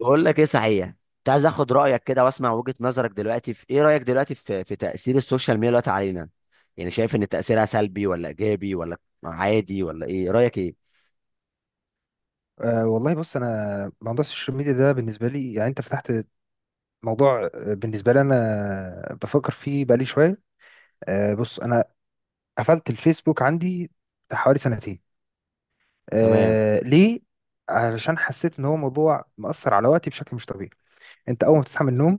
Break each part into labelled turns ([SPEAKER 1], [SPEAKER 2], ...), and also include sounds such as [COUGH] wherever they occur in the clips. [SPEAKER 1] بقول لك ايه صحيح. كنت عايز اخد رايك كده واسمع وجهه نظرك دلوقتي، في ايه رايك دلوقتي في تاثير السوشيال ميديا دلوقتي علينا؟ يعني شايف ان تاثيرها سلبي ولا ايجابي ولا عادي، ولا ايه رايك ايه؟
[SPEAKER 2] والله بص، انا موضوع السوشيال ميديا ده بالنسبه لي، يعني انت فتحت موضوع، بالنسبه لي انا بفكر فيه بقالي شويه. بص انا قفلت الفيسبوك عندي بتاع حوالي سنتين.
[SPEAKER 1] تمام.
[SPEAKER 2] ليه؟ علشان حسيت ان هو موضوع مأثر على وقتي بشكل مش طبيعي. انت اول ما بتصحى من النوم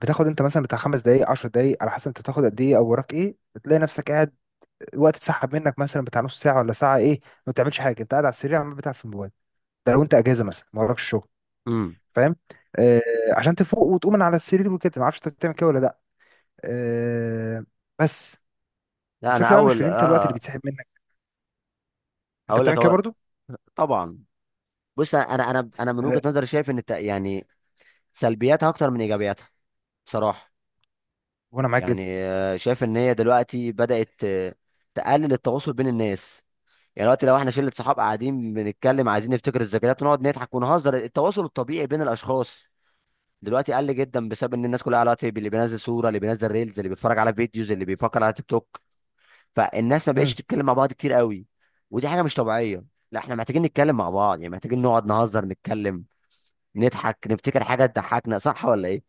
[SPEAKER 2] بتاخد انت مثلا بتاع 5 دقايق 10 دقايق على حسب انت بتاخد قد ايه او وراك ايه، بتلاقي نفسك قاعد الوقت اتسحب منك مثلا بتاع نص ساعه ولا ساعه ايه، ما بتعملش حاجه، انت قاعد على السرير عمال بتاع في الموبايل. ده لو انت اجازه مثلا ما وراكش شغل.
[SPEAKER 1] امم.
[SPEAKER 2] فاهم؟ آه عشان تفوق وتقوم من على السرير وكده. ما اعرفش انت بتعمل كده ولا لا. آه بس
[SPEAKER 1] لا، انا
[SPEAKER 2] الفكره بقى مش في
[SPEAKER 1] اول
[SPEAKER 2] إن انت الوقت اللي
[SPEAKER 1] اه،
[SPEAKER 2] بيتسحب منك، انت
[SPEAKER 1] هقول لك
[SPEAKER 2] بتعمل كده
[SPEAKER 1] اول.
[SPEAKER 2] برضو.
[SPEAKER 1] طبعا. بص، انا من
[SPEAKER 2] آه،
[SPEAKER 1] وجهه نظري شايف ان يعني سلبياتها اكتر من ايجابياتها، بصراحه.
[SPEAKER 2] وانا معاك جدا.
[SPEAKER 1] يعني شايف ان هي دلوقتي بدات تقلل التواصل بين الناس. يعني دلوقتي لو احنا شله صحاب قاعدين بنتكلم عايزين نفتكر الذكريات ونقعد نضحك ونهزر، التواصل الطبيعي بين الاشخاص دلوقتي قل جدا، بسبب ان الناس كلها على واتساب، اللي بينزل صوره، اللي بينزل ريلز، اللي بيتفرج على فيديوز، اللي بيفكر على تيك توك. فالناس ما بقتش
[SPEAKER 2] مم.
[SPEAKER 1] تتكلم مع بعض كتير قوي. ودي حاجه مش طبيعيه. لا، احنا محتاجين نتكلم مع بعض، يعني محتاجين نقعد نهزر، نتكلم، نضحك، نفتكر حاجه تضحكنا، صح ولا ايه؟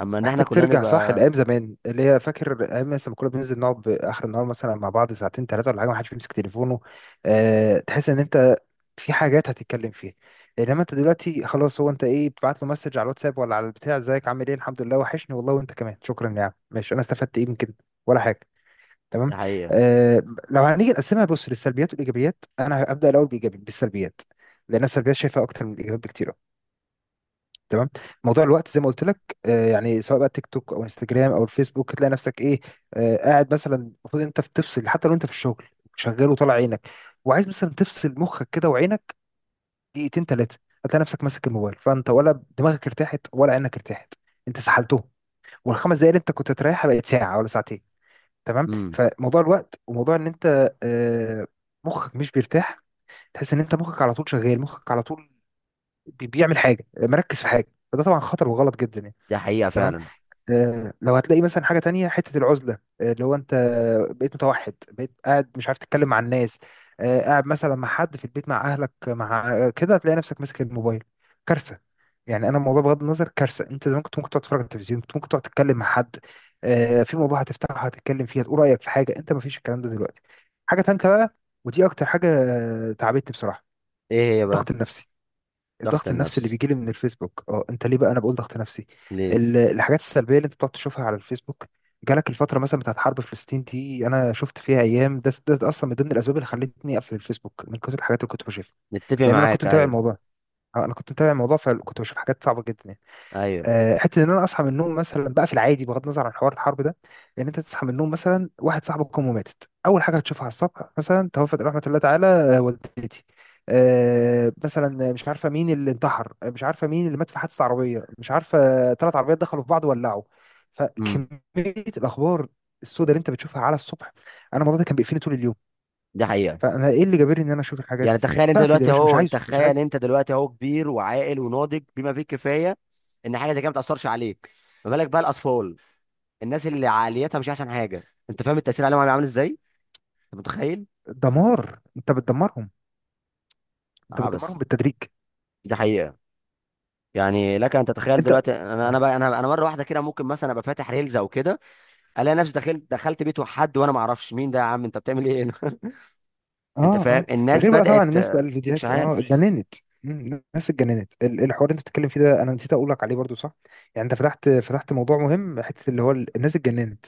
[SPEAKER 1] اما ان احنا
[SPEAKER 2] محتاج
[SPEAKER 1] كلنا
[SPEAKER 2] ترجع صح
[SPEAKER 1] نبقى.
[SPEAKER 2] لايام زمان، اللي هي فاكر ايام مثلا لما كنا بننزل نقعد اخر النهار مثلا مع بعض ساعتين ثلاثه ولا حاجه، ما حدش بيمسك تليفونه. آه، تحس ان انت في حاجات هتتكلم فيها، انما انت دلوقتي خلاص هو انت ايه؟ بتبعت له مسج على الواتساب ولا على البتاع: ازيك، عامل ايه، الحمد لله، وحشني والله، وانت كمان، شكرا يا عم، ماشي. انا استفدت ايه من كده؟ ولا حاجه. تمام.
[SPEAKER 1] دي حقيقه.
[SPEAKER 2] آه، لو هنيجي نقسمها بص للسلبيات والايجابيات، انا هبدا الاول بايجابي بالسلبيات لان السلبيات شايفها اكتر من الايجابيات بكتير أوي. تمام. موضوع الوقت زي ما قلت لك، يعني سواء بقى تيك توك او انستجرام او الفيسبوك تلاقي نفسك ايه؟ قاعد مثلا. المفروض انت بتفصل، حتى لو انت في الشغل شغال وطالع عينك وعايز مثلا تفصل مخك كده وعينك دقيقتين ثلاثه، هتلاقي نفسك ماسك الموبايل. فانت ولا دماغك ارتاحت ولا عينك ارتاحت، انت سحلتهم. والخمس دقايق اللي انت كنت تريحها بقت ساعه ولا ساعتين. تمام.
[SPEAKER 1] امم.
[SPEAKER 2] فموضوع الوقت وموضوع ان انت آه، مخك مش بيرتاح. تحس ان انت مخك على طول شغال، مخك على طول بيعمل حاجه، مركز في حاجه. فده طبعا خطر وغلط جدا يعني.
[SPEAKER 1] دي حقيقه
[SPEAKER 2] تمام.
[SPEAKER 1] فعلا.
[SPEAKER 2] آه، لو هتلاقي مثلا حاجة تانية، حتة العزلة، اللي هو انت بقيت متوحد، بقيت قاعد مش عارف تتكلم مع الناس. آه، قاعد مثلا مع حد في البيت، مع اهلك، مع كده هتلاقي نفسك ماسك الموبايل. كارثة يعني. انا الموضوع بغض النظر كارثة. انت زمان كنت ممكن تقعد تتفرج على التلفزيون، كنت ممكن تقعد تتكلم مع حد. آه، في موضوع هتفتحه هتتكلم فيه، هتقول رأيك في حاجة. انت مفيش الكلام ده دلوقتي. حاجة تانية بقى، ودي اكتر حاجة تعبتني بصراحة:
[SPEAKER 1] ايه هي بقى؟
[SPEAKER 2] الضغط النفسي.
[SPEAKER 1] ضغط
[SPEAKER 2] الضغط النفسي اللي
[SPEAKER 1] النفس؟
[SPEAKER 2] بيجي لي من الفيسبوك. اه، انت ليه بقى انا بقول ضغط نفسي؟
[SPEAKER 1] ليه؟
[SPEAKER 2] الحاجات السلبيه اللي انت بتقعد تشوفها على الفيسبوك. جالك الفتره مثلا بتاعت حرب فلسطين دي، انا شفت فيها ايام. ده اصلا من ضمن الاسباب اللي خلتني اقفل الفيسبوك، من كتر الحاجات اللي كنت بشوفها.
[SPEAKER 1] نتفق
[SPEAKER 2] لان انا كنت
[SPEAKER 1] معاك،
[SPEAKER 2] متابع
[SPEAKER 1] ايوه.
[SPEAKER 2] الموضوع. اه، انا كنت متابع الموضوع فكنت بشوف حاجات صعبه جدا.
[SPEAKER 1] ايوه.
[SPEAKER 2] آه، حته ان انا اصحى من النوم مثلا بقى في العادي بغض النظر عن حوار الحرب ده. ان انت تصحى من النوم مثلا واحد صاحبك امه ماتت، اول حاجه هتشوفها على الصبح مثلا: توفت رحمه الله تعالى، والدتي. آه، مثلا مش عارفه مين اللي انتحر، مش عارفه مين اللي مات في حادثه عربيه، مش عارفه 3 عربيات دخلوا في بعض وولعوا. فكميه
[SPEAKER 1] امم.
[SPEAKER 2] الاخبار السوداء اللي انت بتشوفها على الصبح، انا الموضوع ده كان بيقفلني طول اليوم.
[SPEAKER 1] دي حقيقه.
[SPEAKER 2] فانا ايه اللي جابرني ان انا اشوف الحاجات
[SPEAKER 1] يعني
[SPEAKER 2] دي؟
[SPEAKER 1] تخيل انت
[SPEAKER 2] فاقفل يا
[SPEAKER 1] دلوقتي
[SPEAKER 2] باشا، مش
[SPEAKER 1] اهو،
[SPEAKER 2] عايزه مش عايز.
[SPEAKER 1] تخيل انت دلوقتي اهو كبير وعاقل وناضج بما فيه الكفايه، ان حاجه زي كده ما تاثرش عليك. ما بالك بقى الاطفال، الناس اللي عقليتها مش احسن حاجه؟ انت فاهم التاثير عليهم هيبقى عامل ازاي؟ انت متخيل؟
[SPEAKER 2] دمار، انت بتدمرهم، انت
[SPEAKER 1] اه بس.
[SPEAKER 2] بتدمرهم بالتدريج.
[SPEAKER 1] دي حقيقه. يعني لك ان تتخيل
[SPEAKER 2] انت
[SPEAKER 1] دلوقتي، انا
[SPEAKER 2] آه.
[SPEAKER 1] بقى، انا مره واحده كده ممكن مثلا ابقى فاتح ريلز او كده، الاقي نفسي دخلت بيت حد وانا ما اعرفش مين ده، يا عم انت بتعمل ايه هنا؟ [LAUGHS] انت
[SPEAKER 2] اه
[SPEAKER 1] فاهم
[SPEAKER 2] اه.
[SPEAKER 1] الناس
[SPEAKER 2] غير بقى طبعا
[SPEAKER 1] بدات،
[SPEAKER 2] الناس بقى
[SPEAKER 1] مش
[SPEAKER 2] الفيديوهات
[SPEAKER 1] عارف.
[SPEAKER 2] اتجننت. مم، الناس اتجننت. الحوار اللي انت بتتكلم فيه ده انا نسيت اقول لك عليه برضو. صح، يعني انت فتحت موضوع مهم، حته اللي هو الناس اتجننت.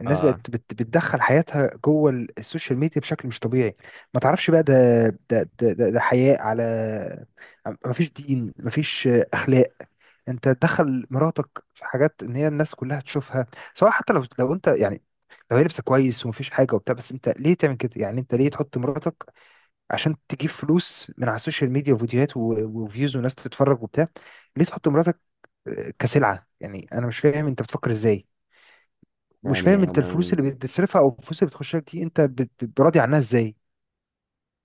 [SPEAKER 2] الناس
[SPEAKER 1] اه،
[SPEAKER 2] بقت بتدخل حياتها جوه السوشيال ميديا بشكل مش طبيعي. ما تعرفش بقى ده. ده حياء على، ما فيش دين، ما فيش اخلاق. انت تدخل مراتك في حاجات ان هي الناس كلها تشوفها، سواء حتى لو انت، يعني لو هي لابسه كويس ومفيش حاجه وبتاع. بس انت ليه تعمل كده؟ يعني انت ليه تحط مراتك عشان تجيب فلوس من على السوشيال ميديا، وفيديوهات وفيوز، وناس تتفرج وبتاع. ليه تحط مراتك، كسلعة؟ يعني انا مش فاهم انت بتفكر ازاي. مش فاهم
[SPEAKER 1] يعني
[SPEAKER 2] انت
[SPEAKER 1] انا،
[SPEAKER 2] الفلوس اللي بتصرفها او الفلوس اللي بتخش لك دي انت راضي عنها ازاي.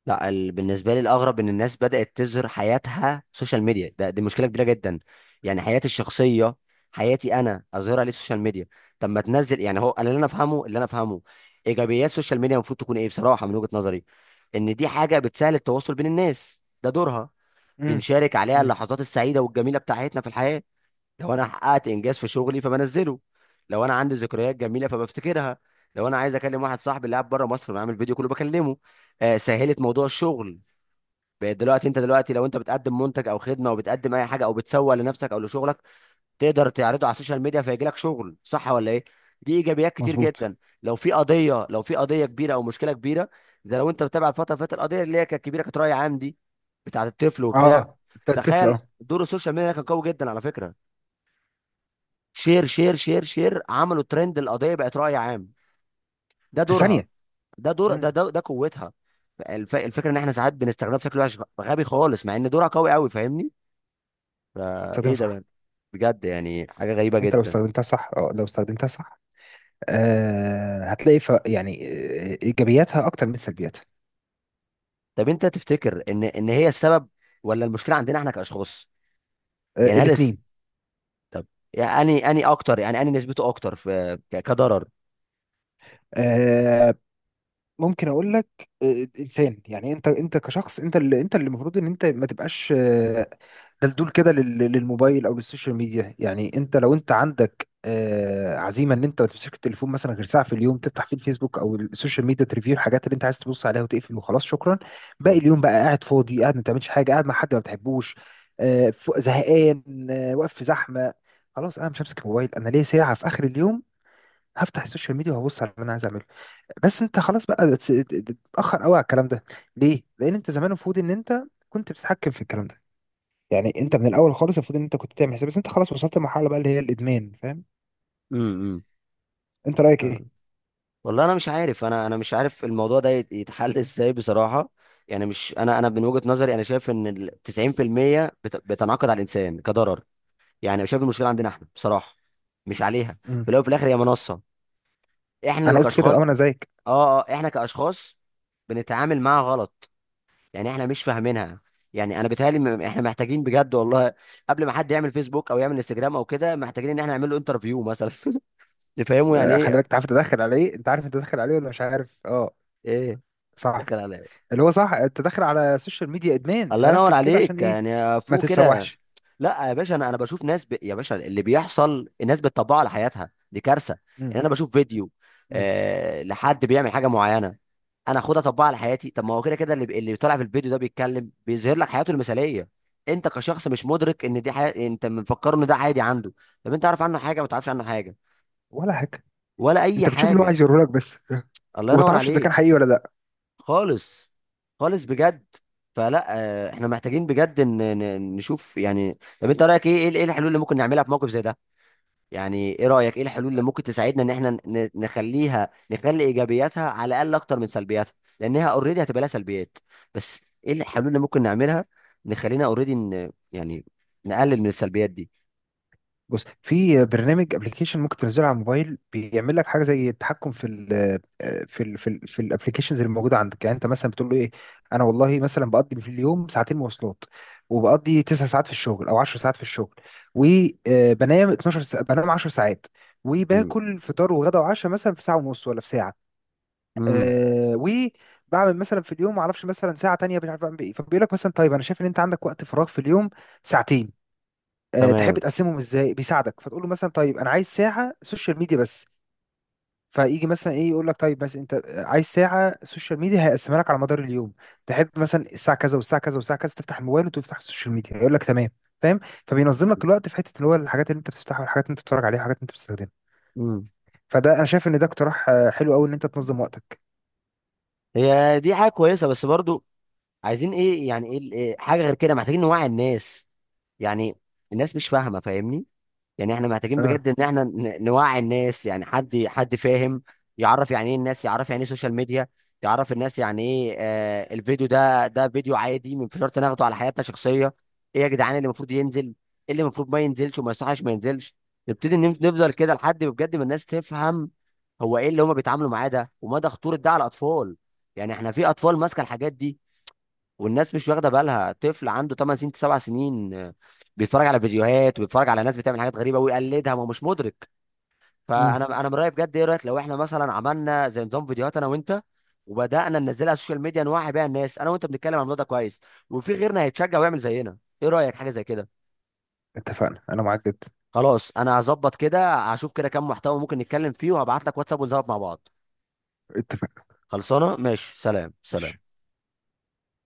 [SPEAKER 1] لا بالنسبه لي الاغرب ان الناس بدات تظهر حياتها سوشيال ميديا ده، دي مشكله كبيره جدا. يعني حياتي الشخصيه، حياتي انا، اظهرها ليه سوشيال ميديا؟ طب ما تنزل، يعني هو أنا اللي انا افهمه، اللي انا افهمه ايجابيات السوشيال ميديا المفروض تكون ايه بصراحه من وجهه نظري، ان دي حاجه بتسهل التواصل بين الناس، ده دورها.
[SPEAKER 2] امم.
[SPEAKER 1] بنشارك عليها
[SPEAKER 2] امم.
[SPEAKER 1] اللحظات السعيده والجميله بتاعتنا في الحياه. لو انا حققت انجاز في شغلي فبنزله. لو انا عندي ذكريات جميله فبفتكرها. لو انا عايز اكلم واحد صاحبي اللي قاعد بره مصر بعمل فيديو كله بكلمه. آه، سهلت موضوع الشغل. بقيت دلوقتي، انت دلوقتي لو انت بتقدم منتج او خدمه او بتقدم اي حاجه او بتسوق لنفسك او لشغلك، تقدر تعرضه على السوشيال ميديا فيجي لك شغل، صح ولا ايه؟ دي ايجابيات كتير
[SPEAKER 2] مظبوط.
[SPEAKER 1] جدا. لو في قضيه، لو في قضيه كبيره او مشكله كبيره، ده لو انت متابع الفتره اللي فاتت، القضيه اللي هي كانت كبيره كانت راي عام دي، بتاعت الطفل وبتاع،
[SPEAKER 2] اه انت الطفل،
[SPEAKER 1] تخيل
[SPEAKER 2] اه.
[SPEAKER 1] دور السوشيال ميديا كان قوي جدا على فكره. شير شير شير شير، عملوا ترند، القضيه بقت راي عام. ده
[SPEAKER 2] في
[SPEAKER 1] دورها.
[SPEAKER 2] ثانية.
[SPEAKER 1] ده دور،
[SPEAKER 2] امم.
[SPEAKER 1] ده قوتها. الفكره ان احنا ساعات بنستخدمها بشكل وحش غبي خالص، مع ان دورها قوي قوي، فاهمني؟
[SPEAKER 2] استخدمها
[SPEAKER 1] فايه ده
[SPEAKER 2] صح.
[SPEAKER 1] بقى؟ بجد يعني حاجه غريبه
[SPEAKER 2] انت لو
[SPEAKER 1] جدا.
[SPEAKER 2] استخدمتها صح، اه لو استخدمتها صح هتلاقي يعني، ايجابياتها اكتر من سلبياتها.
[SPEAKER 1] طب انت تفتكر ان هي السبب ولا المشكله عندنا احنا كاشخاص؟
[SPEAKER 2] آه
[SPEAKER 1] يعني طب يعني اني اكتر، يعني اني نسبته اكتر في كضرر.
[SPEAKER 2] الاثنين. ممكن اقول لك، انسان يعني. انت كشخص، انت اللي المفروض ان انت ما تبقاش، دلدول كده للموبايل او للسوشيال ميديا. يعني لو انت عندك، عزيمه ان انت ما تمسكش التليفون مثلا غير ساعه في اليوم، تفتح فيه الفيسبوك او السوشيال ميديا، تريفيو الحاجات اللي انت عايز تبص عليها وتقفل وخلاص شكرا. باقي اليوم بقى قاعد فاضي، قاعد ما بتعملش حاجه، قاعد مع حد ما بتحبوش، زهقان، واقف في زحمه. خلاص انا مش همسك الموبايل، انا ليا ساعه في اخر اليوم هفتح السوشيال ميديا وهبص على اللي انا عايز اعمله. بس انت خلاص بقى تتاخر قوي على الكلام ده. ليه؟ لان انت زمان المفروض ان انت كنت بتتحكم في الكلام ده. يعني انت من الاول خالص المفروض ان انت كنت تعمل حساب. بس انت خلاص وصلت لمرحله بقى اللي هي الادمان. فاهم؟
[SPEAKER 1] امم.
[SPEAKER 2] انت رايك ايه؟
[SPEAKER 1] والله انا مش عارف، انا مش عارف الموضوع ده يتحل [LAUGHS] ازاي بصراحه. يعني مش، انا من وجهه نظري انا شايف ان ال 90% بتنعقد على الانسان كضرر. يعني أنا شايف المشكله عندنا احنا بصراحه، مش عليها.
[SPEAKER 2] امم.
[SPEAKER 1] في الاول وفي الاخر هي منصه، احنا اللي
[SPEAKER 2] انا قلت كده،
[SPEAKER 1] كاشخاص.
[SPEAKER 2] اه انا زيك.
[SPEAKER 1] اه احنا كاشخاص بنتعامل معاها غلط. يعني احنا مش فاهمينها. يعني انا بيتهيألي احنا محتاجين بجد والله [LAUGHS] قبل ما حد يعمل فيسبوك او يعمل انستجرام او كده، محتاجين ان احنا نعمل له انترفيو مثلا [LAUGHS] نفهمه يعني
[SPEAKER 2] آه، خلي بالك،
[SPEAKER 1] ايه.
[SPEAKER 2] انت عارف تدخل على ايه؟ انت عارف انت داخل عليه ولا مش عارف؟ اه.
[SPEAKER 1] ايه؟
[SPEAKER 2] صح.
[SPEAKER 1] دخل عليا.
[SPEAKER 2] اللي هو صح، انت داخل على السوشيال ميديا ادمان،
[SPEAKER 1] الله ينور
[SPEAKER 2] فركز كده عشان
[SPEAKER 1] عليك،
[SPEAKER 2] ايه.
[SPEAKER 1] يعني
[SPEAKER 2] ما
[SPEAKER 1] فوق كده.
[SPEAKER 2] تتسوحش.
[SPEAKER 1] لا يا باشا، انا بشوف ناس يا باشا اللي بيحصل الناس بتطبقه على حياتها، دي كارثه.
[SPEAKER 2] امم.
[SPEAKER 1] يعني انا بشوف فيديو
[SPEAKER 2] امم.
[SPEAKER 1] آه لحد بيعمل حاجه معينه، انا اخدها اطبقها على حياتي. طب ما هو كده كده اللي اللي طالع في الفيديو ده بيتكلم، بيظهر لك حياته المثاليه. انت كشخص مش مدرك ان دي حياة، انت مفكر ان ده عادي عنده. طب انت عارف عنه حاجه؟ ما تعرفش عنه حاجه،
[SPEAKER 2] ولا حاجه.
[SPEAKER 1] ولا اي
[SPEAKER 2] انت بتشوف اللي هو
[SPEAKER 1] حاجه.
[SPEAKER 2] عايز يوريهولك بس،
[SPEAKER 1] الله
[SPEAKER 2] وما
[SPEAKER 1] ينور
[SPEAKER 2] تعرفش اذا كان
[SPEAKER 1] عليك.
[SPEAKER 2] حقيقي ولا لا.
[SPEAKER 1] خالص. خالص بجد. فلا، احنا محتاجين بجد ان نشوف. يعني طب انت رايك ايه، ايه الحلول اللي ممكن نعملها في موقف زي ده؟ يعني ايه رايك، ايه الحلول اللي ممكن تساعدنا ان احنا نخليها، نخلي ايجابياتها على الاقل اكتر من سلبياتها، لانها اوريدي هتبقى لها سلبيات، بس ايه الحلول اللي ممكن نعملها نخلينا اوريدي يعني نقلل من السلبيات دي؟
[SPEAKER 2] بص، في برنامج ابلكيشن ممكن تنزله على الموبايل، بيعمل لك حاجه زي التحكم في ال، في ال في ال في الابلكيشنز اللي موجوده عندك. يعني انت مثلا بتقول له ايه: انا والله مثلا بقضي في اليوم ساعتين مواصلات، وبقضي 9 ساعات في الشغل او 10 ساعات في الشغل، وبنام 12 ساعة بنام 10 ساعات،
[SPEAKER 1] امم.
[SPEAKER 2] وباكل فطار وغدا وعشاء مثلا في ساعه ونص ولا في ساعه.
[SPEAKER 1] امم.
[SPEAKER 2] أه، وبعمل مثلا في اليوم ما اعرفش مثلا ساعه تانية مش عارف اعمل ايه. فبيقول لك مثلا طيب انا شايف ان انت عندك وقت فراغ في اليوم ساعتين، تحب
[SPEAKER 1] تمام.
[SPEAKER 2] تقسمهم ازاي؟ بيساعدك فتقول له مثلا طيب انا عايز ساعه سوشيال ميديا بس. فيجي مثلا ايه يقول لك طيب مثلا انت عايز ساعه سوشيال ميديا، هيقسمها لك على مدار اليوم. تحب مثلا الساعه كذا والساعه كذا والساعه كذا تفتح الموبايل وتفتح السوشيال ميديا؟ يقول لك تمام. فاهم؟ فبينظم لك الوقت في حته اللي هو الحاجات اللي انت بتفتحها والحاجات اللي انت بتتفرج عليها والحاجات اللي انت بتستخدمها.
[SPEAKER 1] امم.
[SPEAKER 2] فده انا شايف ان ده اقتراح، حلو قوي ان انت تنظم وقتك.
[SPEAKER 1] هي دي حاجه كويسه، بس برضو عايزين ايه، يعني ايه حاجه غير كده؟ محتاجين نوعي الناس يعني. الناس مش فاهمه، فاهمني؟ يعني احنا محتاجين
[SPEAKER 2] اه.
[SPEAKER 1] بجد ان احنا نوعي الناس، يعني حد حد فاهم، يعرف يعني ايه الناس، يعرف يعني ايه سوشيال ميديا، يعرف الناس يعني ايه. آه، الفيديو ده ده فيديو عادي من شرط ناخده على حياتنا شخصيه؟ ايه يا جدعان اللي المفروض ينزل، ايه اللي المفروض ما ينزلش وما يصحش ما ينزلش؟ نبتدي نفضل كده لحد ما بجد ما الناس تفهم هو ايه اللي هما بيتعاملوا معاه ده، ومدى خطوره ده على الاطفال. يعني احنا في اطفال ماسكه الحاجات دي، والناس مش واخده بالها، طفل عنده 8 سنين 7 سنين بيتفرج على فيديوهات وبيتفرج على ناس بتعمل حاجات غريبه ويقلدها، ما هو مش مدرك.
[SPEAKER 2] امم.
[SPEAKER 1] فانا، انا من رايي بجد، ايه رايك لو احنا مثلا عملنا زي نظام فيديوهات انا وانت، وبدانا ننزلها على السوشيال ميديا نوعي بيها الناس، انا وانت بنتكلم عن الموضوع ده كويس، وفي غيرنا هيتشجع ويعمل زينا؟ ايه رايك حاجه زي كده؟
[SPEAKER 2] اتفقنا، انا معاك جدا.
[SPEAKER 1] خلاص انا هظبط كده، هشوف كده كام محتوى ممكن نتكلم فيه، وهبعت لك واتساب ونظبط مع بعض.
[SPEAKER 2] اتفقنا.
[SPEAKER 1] خلصانه، ماشي، سلام
[SPEAKER 2] ماشي.
[SPEAKER 1] سلام.